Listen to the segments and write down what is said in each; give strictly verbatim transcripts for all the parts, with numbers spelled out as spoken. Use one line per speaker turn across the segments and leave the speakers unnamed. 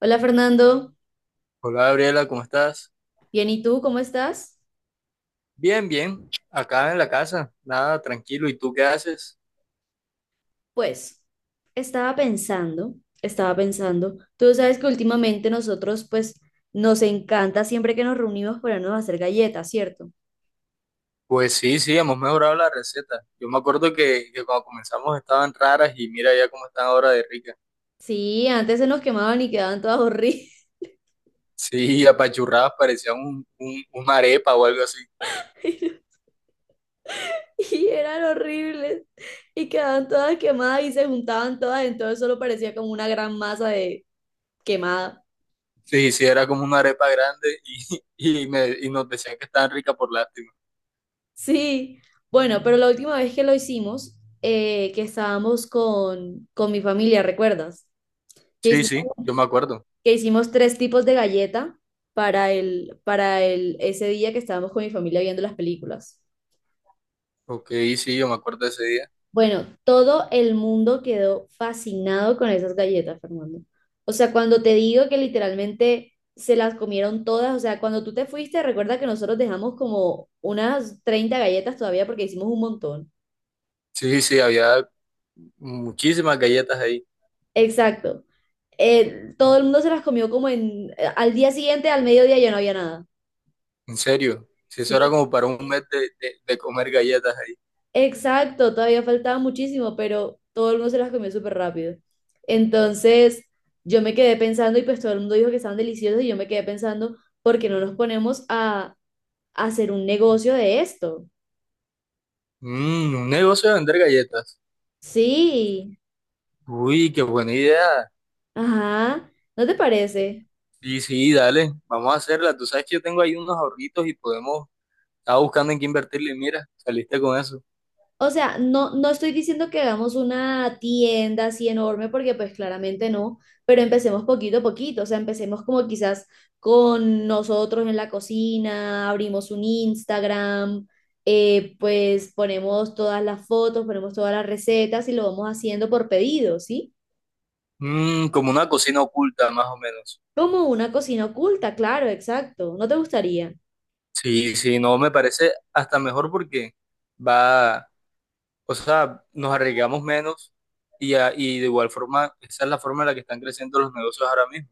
Hola Fernando,
Hola Gabriela, ¿cómo estás?
bien, ¿y tú cómo estás?
Bien, bien, acá en la casa, nada, tranquilo. ¿Y tú qué haces?
Pues estaba pensando, estaba pensando, tú sabes que últimamente nosotros pues nos encanta siempre que nos reunimos ponernos a hacer galletas, ¿cierto?
Pues sí, sí, hemos mejorado la receta. Yo me acuerdo que, que cuando comenzamos estaban raras y mira ya cómo están ahora de ricas.
Sí, antes se nos quemaban y quedaban todas horribles.
Sí, apachurradas, parecían un, un- una arepa o algo así.
Y eran horribles y quedaban todas quemadas y se juntaban todas, entonces solo parecía como una gran masa de quemada.
Sí, sí, era como una arepa grande y, y, me, y nos decían que estaban ricas por lástima.
Sí, bueno, pero la última vez que lo hicimos, eh, que estábamos con, con mi familia, ¿recuerdas? que
Sí,
hicimos,
sí, yo me acuerdo.
que hicimos tres tipos de galleta para el, para el, ese día que estábamos con mi familia viendo las películas.
Ok, sí, yo me acuerdo de ese día.
Bueno, todo el mundo quedó fascinado con esas galletas, Fernando. O sea, cuando te digo que literalmente se las comieron todas, o sea, cuando tú te fuiste, recuerda que nosotros dejamos como unas treinta galletas todavía porque hicimos un montón.
Sí, sí, había muchísimas galletas ahí.
Exacto. Eh, todo el mundo se las comió como en, eh, al día siguiente, al mediodía ya no había nada.
En serio, si eso era
Sí.
como para un mes de, de- de comer galletas ahí.
Exacto, todavía faltaba muchísimo, pero todo el mundo se las comió súper rápido. Entonces, yo me quedé pensando y pues todo el mundo dijo que estaban deliciosos y yo me quedé pensando, ¿por qué no nos ponemos a, a hacer un negocio de esto?
Mm, un negocio de vender galletas.
Sí,
Uy, qué buena idea.
ajá, ¿no te parece?
Sí, sí, dale, vamos a hacerla. Tú sabes que yo tengo ahí unos ahorritos y podemos, estaba buscando en qué invertirle. Y mira, saliste con eso.
O sea, no, no estoy diciendo que hagamos una tienda así enorme, porque pues claramente no, pero empecemos poquito a poquito, o sea, empecemos como quizás con nosotros en la cocina, abrimos un Instagram, eh, pues ponemos todas las fotos, ponemos todas las recetas y lo vamos haciendo por pedido, ¿sí?
Mm, como una cocina oculta, más o menos.
Como una cocina oculta, claro, exacto, ¿no te gustaría?
Sí, sí, no, me parece hasta mejor porque va, o sea, nos arriesgamos menos y, a- y de igual forma, esa es la forma en la que están creciendo los negocios ahora mismo.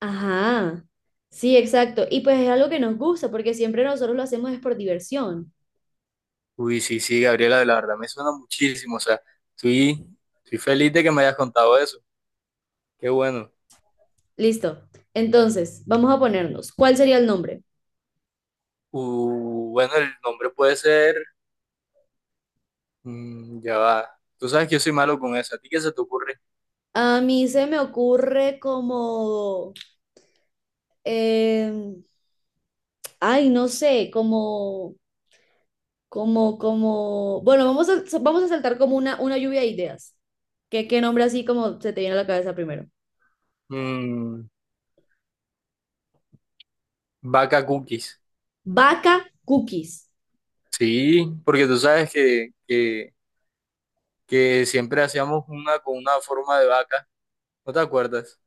Ajá, sí, exacto, y pues es algo que nos gusta, porque siempre nosotros lo hacemos es por diversión.
Uy, sí, sí, Gabriela, la verdad me suena muchísimo. O sea, estoy, estoy feliz de que me hayas contado eso. Qué bueno.
Listo. Entonces, vamos a ponernos. ¿Cuál sería el nombre?
Uh, bueno, el nombre puede ser. Mm, ya va. Tú sabes que yo soy malo con eso. ¿A ti qué se te ocurre?
A mí se me ocurre como, eh, ay, no sé, como, como, como, bueno, vamos a, vamos a saltar como una, una lluvia de ideas. ¿Qué, qué nombre así como se te viene a la cabeza primero?
Mm, Vaca cookies.
Vaca Cookies.
Sí, porque tú sabes que, que, que siempre hacíamos una con una forma de vaca. ¿No te acuerdas?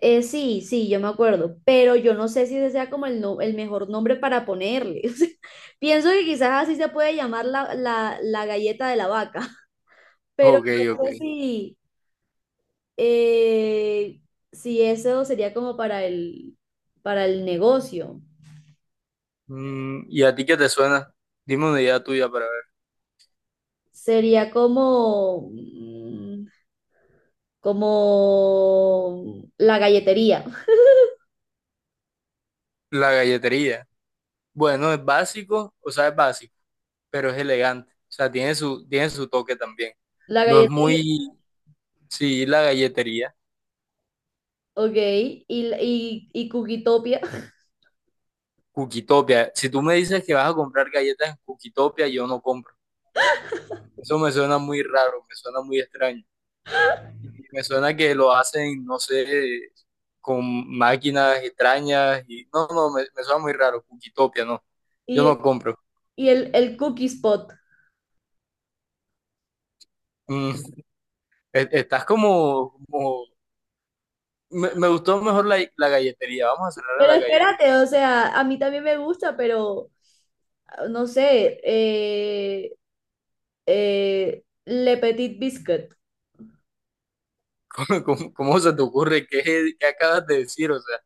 Eh, sí, sí, yo me acuerdo, pero yo no sé si ese sea como el, no- el mejor nombre para ponerle. O sea, pienso que quizás así se puede llamar la, la, la galleta de la vaca. Pero
Ok,
no sé
ok.
si, eh, si eso sería como para el, para el negocio.
Mm, ¿y a ti qué te suena? Dime una idea tuya para ver.
Sería como, mm, como la galletería.
La galletería. Bueno, es básico, o sea, es básico. Pero es elegante. O sea, tiene su, tiene su toque también.
La
No es
galletería,
muy, sí, la galletería.
ok. Y, y, y Cookietopia.
Cookitopia. Si tú me dices que vas a comprar galletas en Cookitopia, yo no compro. Eso me suena muy raro, me suena muy extraño. Y me suena que lo hacen, no sé, con máquinas extrañas. Y no, no, me, me suena muy raro. Cookitopia, no. Yo
Y,
no compro.
y el, el Cookie Spot.
Mm, e- Estás como, como... Me, me gustó mejor la, la galletería. Vamos a cerrar en
Pero
la galletería.
espérate, o sea, a mí también me gusta, pero ah, no sé, eh, eh, Le Petit Biscuit.
¿Cómo, cómo- cómo se te ocurre? ¿Qué, qué acabas de decir? O sea,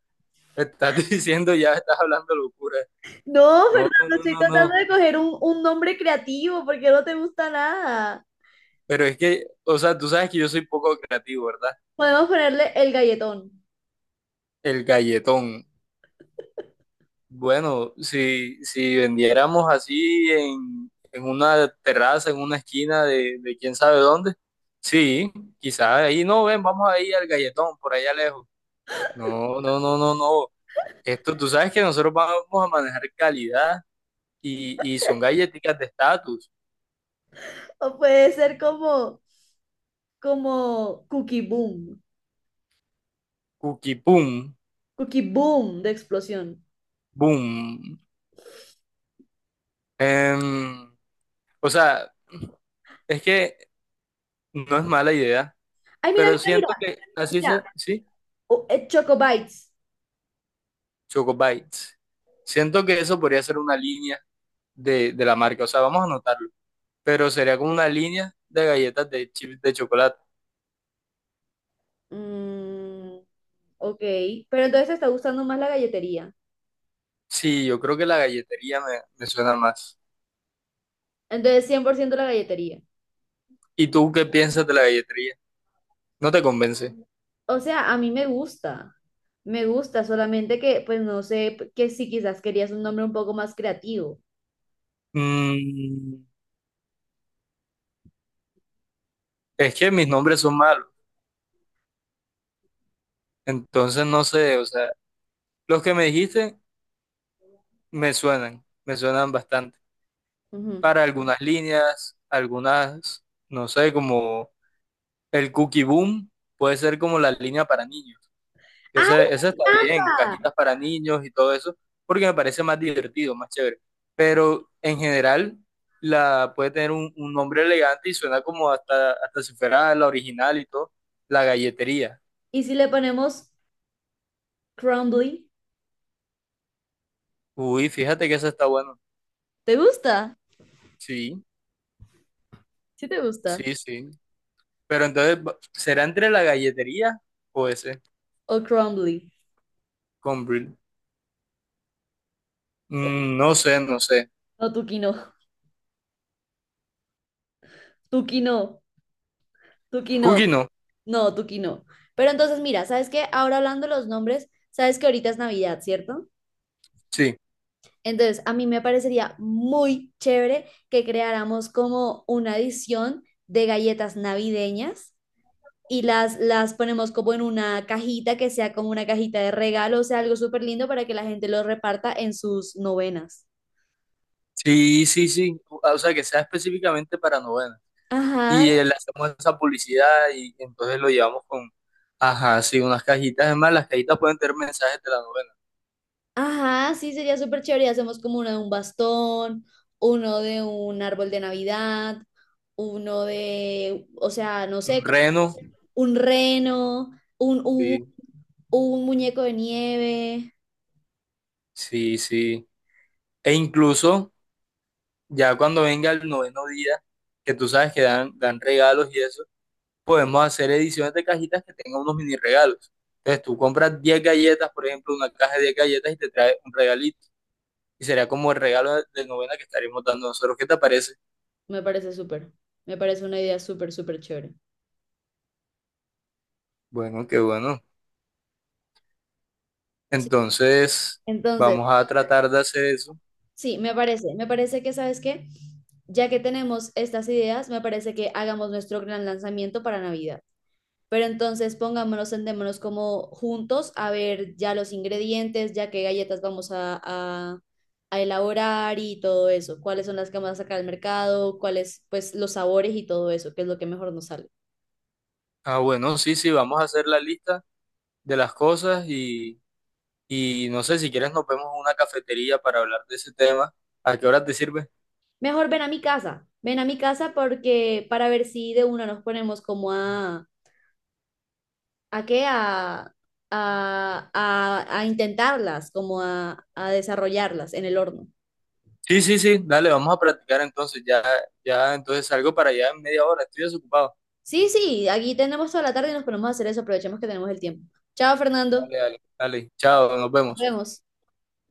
estás diciendo ya, estás hablando locura.
No,
No, no,
Fernando,
no,
estoy
no,
tratando
no.
de coger un, un nombre creativo porque no te gusta nada.
Pero es que, o sea, tú sabes que yo soy poco creativo, ¿verdad?
Podemos ponerle el galletón.
El galletón. Bueno, si, si vendiéramos así en, en una terraza, en una esquina de, de quién sabe dónde, sí, quizás ahí no, ven, vamos ahí al galletón, por allá lejos. No, no, no, no, no. Esto, tú sabes que nosotros vamos a manejar calidad y, y son galletitas de estatus.
O puede ser como, como Cookie Boom.
Cookie Boom,
Cookie Boom de explosión.
boom. Em, o sea, es que no es mala idea,
Ay, mira,
pero
mira, mira.
siento que así
Mira,
se, sí,
o- eh, Choco Bites.
Choco Bites. Siento que eso podría ser una línea de, de la marca, o sea, vamos a anotarlo, pero sería como una línea de galletas de chips de chocolate.
Mm, ok, pero entonces te está gustando más la galletería.
Sí, yo creo que la galletería me, me suena más.
Entonces, cien por ciento la galletería.
¿Y tú qué piensas de la galletería? ¿No te convence?
O sea, a mí me gusta. Me gusta, solamente que, pues no sé, que si quizás querías un nombre un poco más creativo.
Mm, es que mis nombres son malos, entonces no sé, o sea, los que me dijiste. Me suenan, me suenan bastante.
Ujú.
Para algunas líneas, algunas, no sé, como el Cookie Boom, puede ser como la línea para niños.
¡Ay,
Ese, ese está bien,
anda!
cajitas para niños y todo eso, porque me parece más divertido, más chévere. Pero en general, la puede tener un, un nombre elegante y suena como hasta, hasta si fuera la original y todo, la galletería.
¿Y si le ponemos crumbly?
Uy, fíjate que eso está bueno.
¿Te gusta?
Sí,
¿Sí te gusta?
sí, sí. Pero entonces, ¿será entre la galletería o ese?
¿O crumbly?
Con Brie.
O-
Mm, no sé, no sé.
No, tuki no, tuki no, tuki no,
Cookie no.
no, tuki no. Pero entonces, mira, ¿sabes qué? Ahora hablando de los nombres, sabes que ahorita es Navidad, ¿cierto?
Sí.
Entonces, a mí me parecería muy chévere que creáramos como una edición de galletas navideñas y las, las ponemos como en una cajita que sea como una cajita de regalo, o sea, algo súper lindo para que la gente lo reparta en sus novenas.
Sí, sí, sí. Ah, o sea, que sea específicamente para novenas.
Ajá,
Y eh, le hacemos esa publicidad y entonces lo llevamos con, ajá, sí, unas cajitas. Es más, las cajitas pueden tener mensajes de la novena.
ajá, sí, sería súper chévere. Y hacemos como uno de un bastón, uno de un árbol de Navidad, uno de, o sea, no sé,
Un
cosas-
reno.
un reno, un, un,
Sí,
un muñeco de nieve.
sí, sí. E incluso, ya cuando venga el noveno día, que tú sabes que dan, dan regalos y eso, podemos hacer ediciones de cajitas que tengan unos mini regalos. Entonces tú compras diez galletas, por ejemplo, una caja de 10 galletas y te trae un regalito. Y será como el regalo de novena que estaremos dando nosotros. ¿Qué te parece?
Me parece súper, me parece una idea súper, súper chévere.
Bueno, qué bueno.
Sí.
Entonces,
Entonces,
vamos a tratar de hacer eso.
sí, me parece, me parece que, ¿sabes qué? Ya que tenemos estas ideas, me parece que hagamos nuestro gran lanzamiento para Navidad. Pero entonces pongámonos, sentémonos como juntos a ver ya los ingredientes, ya qué galletas vamos a, a- a elaborar y todo eso. Cuáles son las que vamos a sacar al mercado, cuáles, pues, los sabores y todo eso, qué es lo que mejor nos sale.
Ah, bueno, sí, sí, vamos a hacer la lista de las cosas y, y no sé, si quieres nos vemos en una cafetería para hablar de ese tema. ¿A qué hora te sirve?
Mejor ven a mi casa, ven a mi casa porque para ver si de una nos ponemos como a ¿A qué? A, a, a, a intentarlas, como a, a desarrollarlas en el horno.
Sí, sí, sí, dale, vamos a practicar entonces. Ya, ya, entonces salgo para allá en media hora. Estoy desocupado.
Sí, sí, aquí tenemos toda la tarde y nos ponemos a hacer eso. Aprovechemos que tenemos el tiempo. Chao, Fernando.
Dale, dale, dale. Chao, nos
Nos
vemos.
vemos.